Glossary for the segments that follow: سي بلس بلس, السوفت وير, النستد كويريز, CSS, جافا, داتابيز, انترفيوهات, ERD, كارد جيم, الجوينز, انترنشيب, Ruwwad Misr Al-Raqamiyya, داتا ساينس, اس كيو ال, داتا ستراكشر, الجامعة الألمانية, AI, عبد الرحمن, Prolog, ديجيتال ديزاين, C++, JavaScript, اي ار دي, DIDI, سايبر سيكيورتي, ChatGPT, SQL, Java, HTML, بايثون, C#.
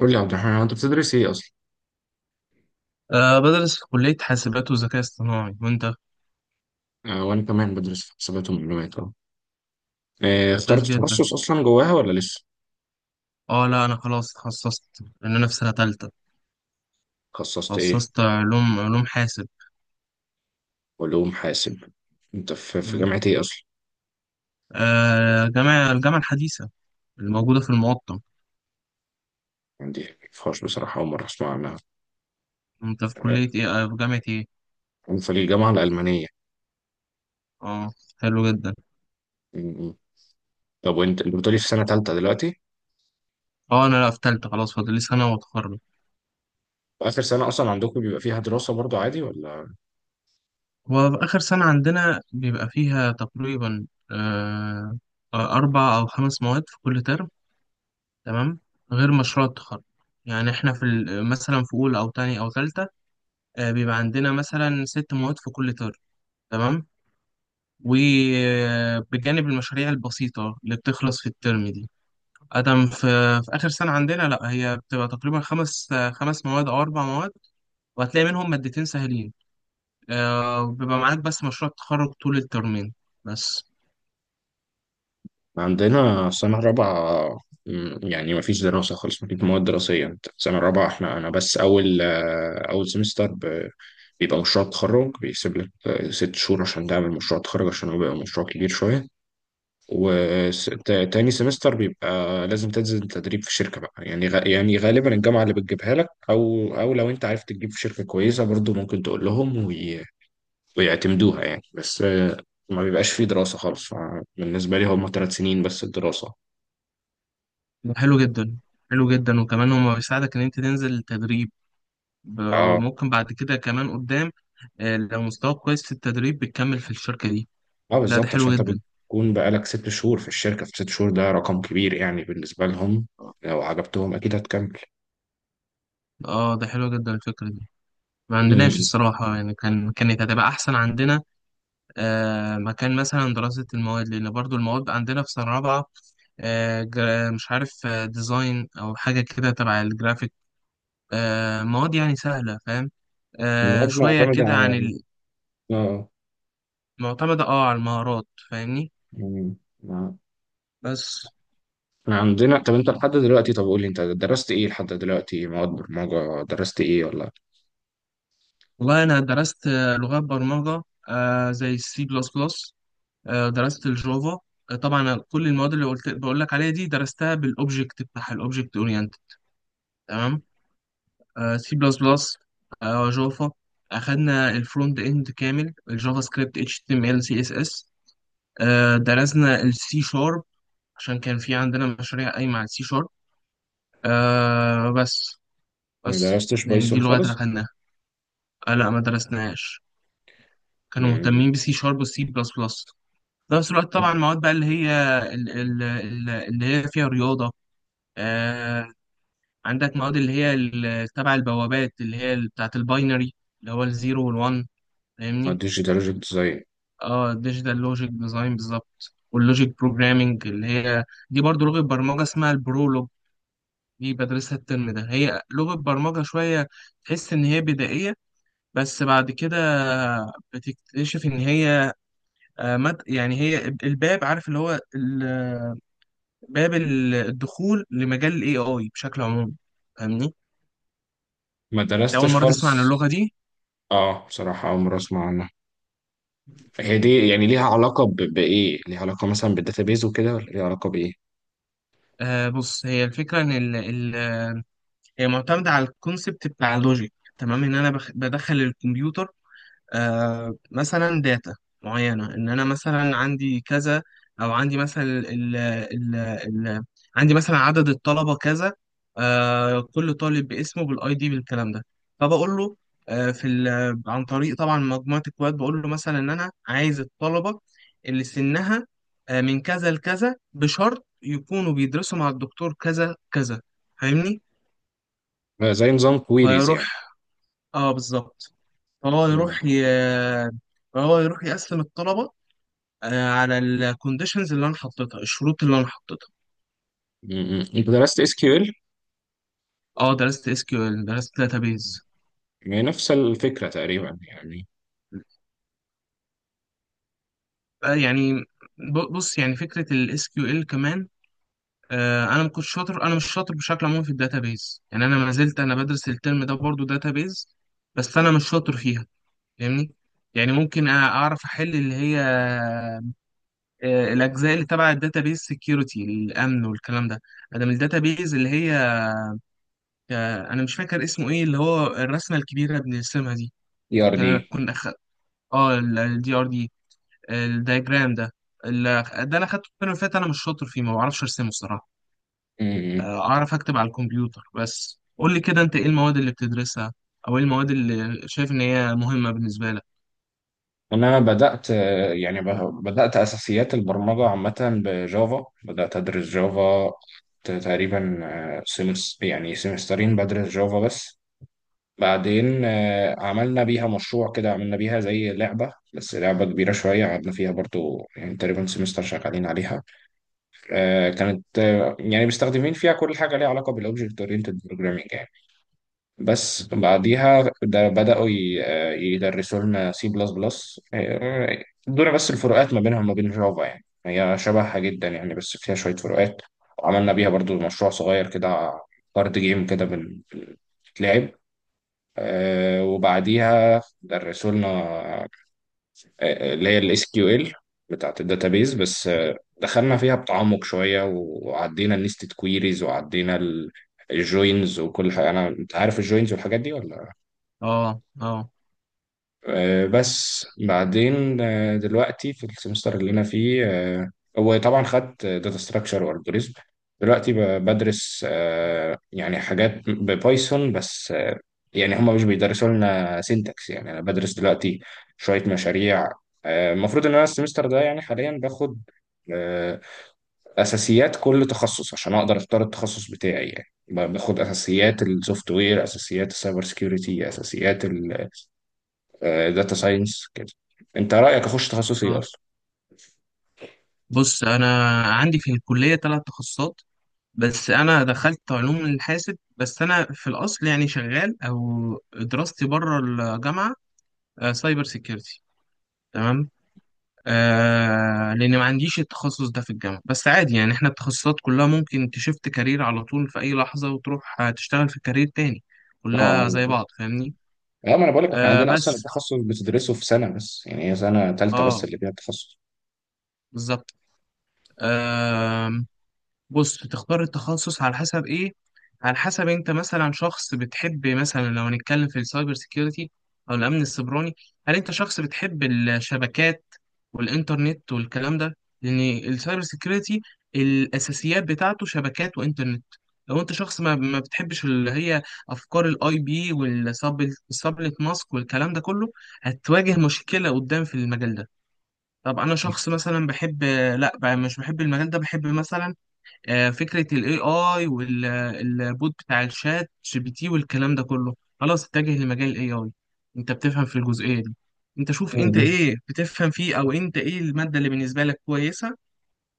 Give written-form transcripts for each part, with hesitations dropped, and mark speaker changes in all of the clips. Speaker 1: قول لي يا عبد الرحمن، هو انت بتدرس ايه اصلا؟
Speaker 2: بدرس في كلية حاسبات وذكاء اصطناعي وأنت؟
Speaker 1: آه وانا كمان بدرس في حسابات ومعلومات.
Speaker 2: كويس
Speaker 1: اخترت
Speaker 2: جدا.
Speaker 1: تخصص اصلا جواها ولا لسه؟
Speaker 2: لا، أنا خلاص اتخصصت لأن أنا في سنة تالتة.
Speaker 1: خصصت ايه؟
Speaker 2: اتخصصت علوم حاسب.
Speaker 1: علوم حاسب. انت في
Speaker 2: مم.
Speaker 1: جامعة ايه اصلا؟
Speaker 2: جامعة الحديثة الموجودة في المقطم.
Speaker 1: عندي فاش بصراحة، أول مرة أسمع عنها.
Speaker 2: أنت في
Speaker 1: آه،
Speaker 2: كلية إيه؟ في جامعة إيه؟
Speaker 1: أنا في الجامعة الألمانية.
Speaker 2: أه حلو جدا.
Speaker 1: م- م. طب وأنت اللي بتقولي في سنة تالتة دلوقتي؟
Speaker 2: أنا لا، في تالتة خلاص، فاضل لي سنة وأتخرج.
Speaker 1: آخر سنة أصلا عندكم بيبقى فيها دراسة برضو عادي ولا؟
Speaker 2: وفي آخر سنة عندنا بيبقى فيها تقريبا أه آه، أربع أو خمس مواد في كل ترم. تمام. غير مشروع التخرج. يعني احنا مثلا في اولى او تانية او تالتة، بيبقى عندنا مثلا ست مواد في كل ترم. تمام. وبجانب المشاريع البسيطة اللي بتخلص في الترم دي. أدم في, في آخر سنة عندنا لأ هي بتبقى تقريبا خمس مواد أو أربع مواد. وهتلاقي منهم مادتين سهلين، بيبقى معاك بس مشروع التخرج طول الترمين. بس.
Speaker 1: عندنا سنة رابعة. مم، يعني مفيش دراسة خالص، مفيش مواد دراسية. انت سنة رابعة، احنا أنا بس أول أول بيبقى مشروع تخرج، بيسيب لك ست شهور عشان تعمل مشروع تخرج، عشان هو بيبقى مشروع كبير شوية. وتاني سمستر بيبقى لازم تنزل تدريب في شركة بقى، يعني يعني غالبا الجامعة اللي بتجيبها لك، أو لو أنت عارف تجيب في شركة كويسة برضو ممكن تقول لهم ويعتمدوها يعني. بس ما بيبقاش فيه دراسة خالص، فبالنسبة لي هم ثلاث سنين بس الدراسة.
Speaker 2: حلو جدا. حلو جدا، وكمان هو بيساعدك إن أنت تنزل تدريب.
Speaker 1: اه
Speaker 2: وممكن بعد كده كمان قدام، لو مستواك كويس في التدريب بتكمل في الشركة دي.
Speaker 1: اه،
Speaker 2: لا، ده
Speaker 1: بالظبط.
Speaker 2: حلو
Speaker 1: عشان انت
Speaker 2: جدا.
Speaker 1: بتكون بقالك ست شهور في الشركة، في ست شهور ده رقم كبير يعني بالنسبة لهم، لو عجبتهم أكيد هتكمل.
Speaker 2: اه، ده حلو جدا الفكرة دي. ما عندناش
Speaker 1: امم.
Speaker 2: الصراحة، يعني كانت هتبقى أحسن عندنا مكان مثلا دراسة المواد، لأن برضو المواد عندنا في سنة رابعة مش عارف، ديزاين أو حاجة كده تبع الجرافيك. مواد يعني سهلة، فاهم،
Speaker 1: المواد
Speaker 2: شوية
Speaker 1: معتمدة
Speaker 2: كده عن
Speaker 1: على. اه.
Speaker 2: المعتمدة، على المهارات، فاهمني.
Speaker 1: امم. ما-
Speaker 2: بس.
Speaker 1: احنا عندنا. طب انت لحد دلوقتي، طب قول لي انت درست ايه لحد دلوقتي، مواد برمجة درست ايه ولا
Speaker 2: والله أنا درست لغات برمجة، زي السي بلس بلس، درست الجافا. طبعا كل المواد اللي قلت بقول لك عليها دي درستها بالاوبجكت بتاعها، الاوبجكت اورينت. تمام. سي بلس بلس، جافا. اخدنا الفرونت اند كامل، الجافا سكريبت، اتش تي ام ال، سي اس اس. درسنا السي شارب، عشان كان في عندنا مشاريع قايمه على السي شارب. بس.
Speaker 1: ما درستش
Speaker 2: يعني دي
Speaker 1: بايثون
Speaker 2: اللغات اللي
Speaker 1: خالص؟
Speaker 2: اخدناها. لا، ما درسناهاش. كانوا
Speaker 1: امم.
Speaker 2: مهتمين بسي شارب والسي بلس بلس. في نفس الوقت طبعا المواد بقى اللي هي اللي هي فيها رياضة. آه عندك مواد اللي هي تبع البوابات اللي هي بتاعت الباينري، اللي هو الزيرو والوان،
Speaker 1: اه،
Speaker 2: فاهمني.
Speaker 1: ديجيتال ديزاين.
Speaker 2: اه ديجيتال لوجيك ديزاين بالظبط، واللوجيك بروجرامينج اللي هي دي برضو لغة برمجة اسمها البرولوج. دي بدرسها الترم ده، هي لغة برمجة شوية تحس إن هي بدائية، بس بعد كده بتكتشف إن هي آه، مد يعني هي الباب، عارف، اللي هو باب الدخول لمجال ال AI بشكل عام. فاهمني؟ أنت
Speaker 1: ما
Speaker 2: أول
Speaker 1: درستش
Speaker 2: مرة تسمع عن
Speaker 1: خالص.
Speaker 2: اللغة دي؟
Speaker 1: اه بصراحة أول مرة أسمع عنها. هي دي يعني ليها علاقة بإيه؟ ليها علاقة مثلا بالداتابيز وكده ولا ليها علاقة بإيه؟
Speaker 2: بص، هي الفكرة إن ال ال هي معتمدة على الكونسبت بتاع اللوجيك. تمام، إن أنا بدخل الكمبيوتر مثلا داتا معينة، إن أنا مثلا عندي كذا، أو عندي مثلا ال ال ال عندي مثلا عدد الطلبة كذا. كل طالب باسمه بالاي دي بالكلام ده. فبقول له عن طريق طبعا مجموعة اكواد بقول له مثلا إن أنا عايز الطلبة اللي سنها من كذا لكذا، بشرط يكونوا بيدرسوا مع الدكتور كذا كذا. فاهمني؟
Speaker 1: آه، زي نظام كويريز يعني.
Speaker 2: فيروح. اه، بالظبط. فهو
Speaker 1: مم.
Speaker 2: يروح ي... فهو يروح يقسم الطلبة على الكونديشنز اللي أنا حطيتها، الشروط اللي أنا حطيتها.
Speaker 1: مم. مم. انت درست اس كيو ال؟
Speaker 2: درست اس كيو ال، درست داتابيز.
Speaker 1: نفس الفكره تقريبا يعني.
Speaker 2: يعني بص يعني فكرة الاس كيو ال كمان انا ما كنتش شاطر، انا مش شاطر بشكل عام في الداتابيز، يعني انا ما زلت انا بدرس الترم ده برضو داتابيز، بس انا مش شاطر فيها، فاهمني. يعني ممكن اعرف احل اللي هي الاجزاء اللي تبع الداتابيز سكيورتي، الامن والكلام ده. ادم الداتابيز اللي هي انا مش فاكر اسمه ايه، اللي هو الرسمه الكبيره اللي بنرسمها دي.
Speaker 1: اي ار دي.
Speaker 2: آه، كنا أخ... اه، الدي ار دي، الدايجرام ده. ده انا خدته الترم اللي فات، انا مش شاطر فيه، ما بعرفش ارسمه الصراحه. اعرف اكتب على الكمبيوتر. بس قول لي كده انت ايه المواد اللي بتدرسها، او ايه المواد اللي شايف ان هي مهمه بالنسبه لك؟
Speaker 1: انا بدات آه، يعني بدات اساسيات البرمجه عامه بجافا، بدات ادرس جافا تقريبا آه، سمس يعني سمسترين بدرس جافا بس. بعدين عملنا بيها مشروع كده، عملنا بيها زي لعبه بس لعبه كبيره شويه قعدنا فيها برضو يعني تقريبا سمستر شغالين عليها. كانت يعني مستخدمين فيها كل حاجة ليها علاقة بالأوبجكت أورينتد بروجرامينج يعني. بس بعديها ده بدأوا يدرسوا لنا سي بلس بلس. ادونا بس الفروقات ما بينها وما بين جافا، يعني هي شبهها جدا يعني، بس فيها شوية فروقات. وعملنا بيها برضو مشروع صغير كده، كارد جيم كده بنتلعب. وبعديها درسوا لنا اللي هي الاس كيو ال بتاعت الداتابيز. بس دخلنا فيها بتعمق شويه، وعدينا النستد كويريز، وعدينا الجوينز وكل حاجه. انا انت عارف الجوينز والحاجات دي ولا؟
Speaker 2: اه، اه،
Speaker 1: بس بعدين دلوقتي في السمستر اللي انا فيه، هو طبعا خدت داتا ستراكشر والجوريزم. دلوقتي بدرس يعني حاجات ببايثون. بس يعني هم مش بيدرسوا لنا سينتاكس، يعني انا بدرس دلوقتي شوية مشاريع. المفروض ان انا السمستر ده يعني حاليا باخد آه، اساسيات كل تخصص عشان اقدر اختار التخصص بتاعي. يعني باخد اساسيات السوفت وير، اساسيات السايبر سكيورتي، اساسيات داتا ساينس كده. انت رايك اخش تخصص ايه
Speaker 2: اه،
Speaker 1: اصلا؟
Speaker 2: بص انا عندي في الكليه ثلاث تخصصات، بس انا دخلت علوم الحاسب. بس انا في الاصل يعني شغال، او دراستي بره الجامعه، سايبر سيكيورتي. تمام. لان ما عنديش التخصص ده في الجامعه، بس عادي، يعني احنا التخصصات كلها ممكن تشفت كارير على طول في اي لحظه وتروح تشتغل في كارير تاني،
Speaker 1: اه
Speaker 2: كلها زي
Speaker 1: اه.
Speaker 2: بعض، فاهمني.
Speaker 1: اه، ما انا بقول لك، احنا عندنا اصلا
Speaker 2: بس.
Speaker 1: التخصص بتدرسه في سنه بس، يعني هي سنه ثالثه بس
Speaker 2: اه،
Speaker 1: اللي فيها التخصص.
Speaker 2: بالظبط. آه. بص تختار التخصص على حسب ايه؟ على حسب انت مثلا شخص بتحب مثلا، لو هنتكلم في السايبر سيكيورتي او الامن السيبراني، هل انت شخص بتحب الشبكات والانترنت والكلام ده؟ لان السايبر سيكيورتي، الاساسيات بتاعته شبكات وانترنت. لو انت شخص ما، ما بتحبش اللي هي افكار الاي بي والسبلت ماسك والكلام ده كله، هتواجه مشكلة قدام في المجال ده. طب انا شخص مثلا بحب، لا بقى مش بحب المجال ده، بحب مثلا فكرة ال AI والبوت بتاع الشات جي بي تي والكلام ده كله، خلاص اتجه لمجال ال AI. انت بتفهم في الجزئية دي؟ انت شوف انت
Speaker 1: مم.
Speaker 2: ايه بتفهم فيه، او انت ايه المادة اللي بالنسبة لك كويسة،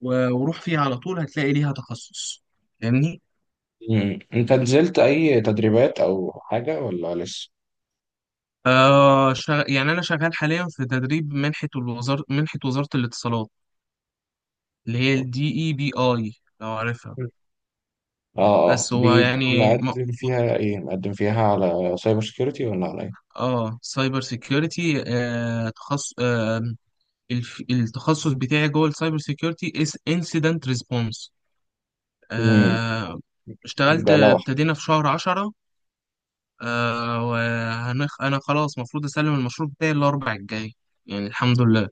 Speaker 2: وروح فيها على طول، هتلاقي ليها تخصص، فاهمني؟
Speaker 1: مم. انت نزلت اي تدريبات او حاجه ولا لسه؟
Speaker 2: يعني انا شغال حاليا في تدريب منحة الوزارة، منحة وزارة الاتصالات، اللي هي الدي اي بي اي، لو عارفها.
Speaker 1: مم. اه اه،
Speaker 2: بس هو
Speaker 1: دي
Speaker 2: يعني
Speaker 1: مقدم فيها ايه؟ مقدم فيها على سايبر سيكيورتي ولا على ايه؟
Speaker 2: اه، سايبر سيكيورتي، تخصص، التخصص بتاعي جوه السايبر سيكيورتي اس انسيدنت ريسبونس.
Speaker 1: مم.
Speaker 2: اشتغلت
Speaker 1: ده لوحة.
Speaker 2: ابتدينا في شهر عشرة. وهنخ... انا خلاص المفروض اسلم المشروع بتاعي الاربع الجاي، يعني الحمد لله.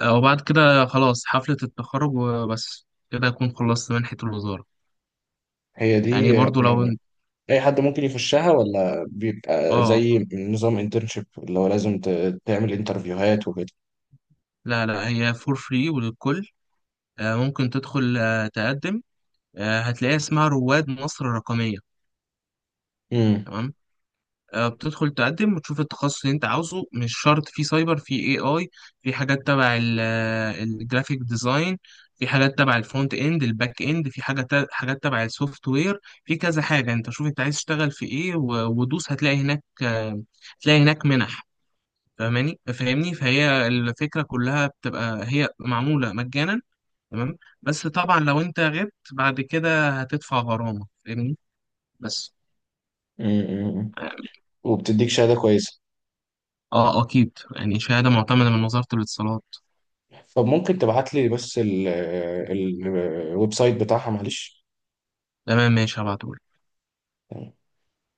Speaker 2: وبعد كده خلاص حفلة التخرج، وبس كده اكون خلصت منحة الوزارة.
Speaker 1: هي
Speaker 2: يعني
Speaker 1: دي
Speaker 2: برضو لو
Speaker 1: يعني
Speaker 2: انت.
Speaker 1: اي حد ممكن يخشها ولا بيبقى
Speaker 2: اه،
Speaker 1: زي نظام انترنشيب اللي هو لازم تعمل انترفيوهات
Speaker 2: لا، لا، هي فور فري وللكل. ممكن تدخل تقدم، هتلاقيها اسمها رواد مصر الرقمية.
Speaker 1: وكده؟
Speaker 2: تمام. بتدخل تقدم وتشوف التخصص اللي انت عاوزه، مش شرط في سايبر، في اي اي، في حاجات تبع الجرافيك ديزاين، في حاجات تبع الفرونت اند، الباك اند، حاجات تبع السوفت وير. في كذا حاجه، انت شوف انت عايز تشتغل في ايه ودوس، هتلاقي هناك، هتلاقي هناك منح، فاهمني. فهي الفكره كلها بتبقى هي معموله مجانا. تمام. بس طبعا لو انت غبت بعد كده هتدفع غرامه، فاهمني. بس.
Speaker 1: امم. وبتديك شهادة كويسة؟
Speaker 2: اه، اكيد، يعني شهادة معتمدة من وزارة الاتصالات.
Speaker 1: طب ممكن تبعت لي بس الويب سايت بتاعها معلش؟
Speaker 2: تمام، ماشي، هبعتهولك.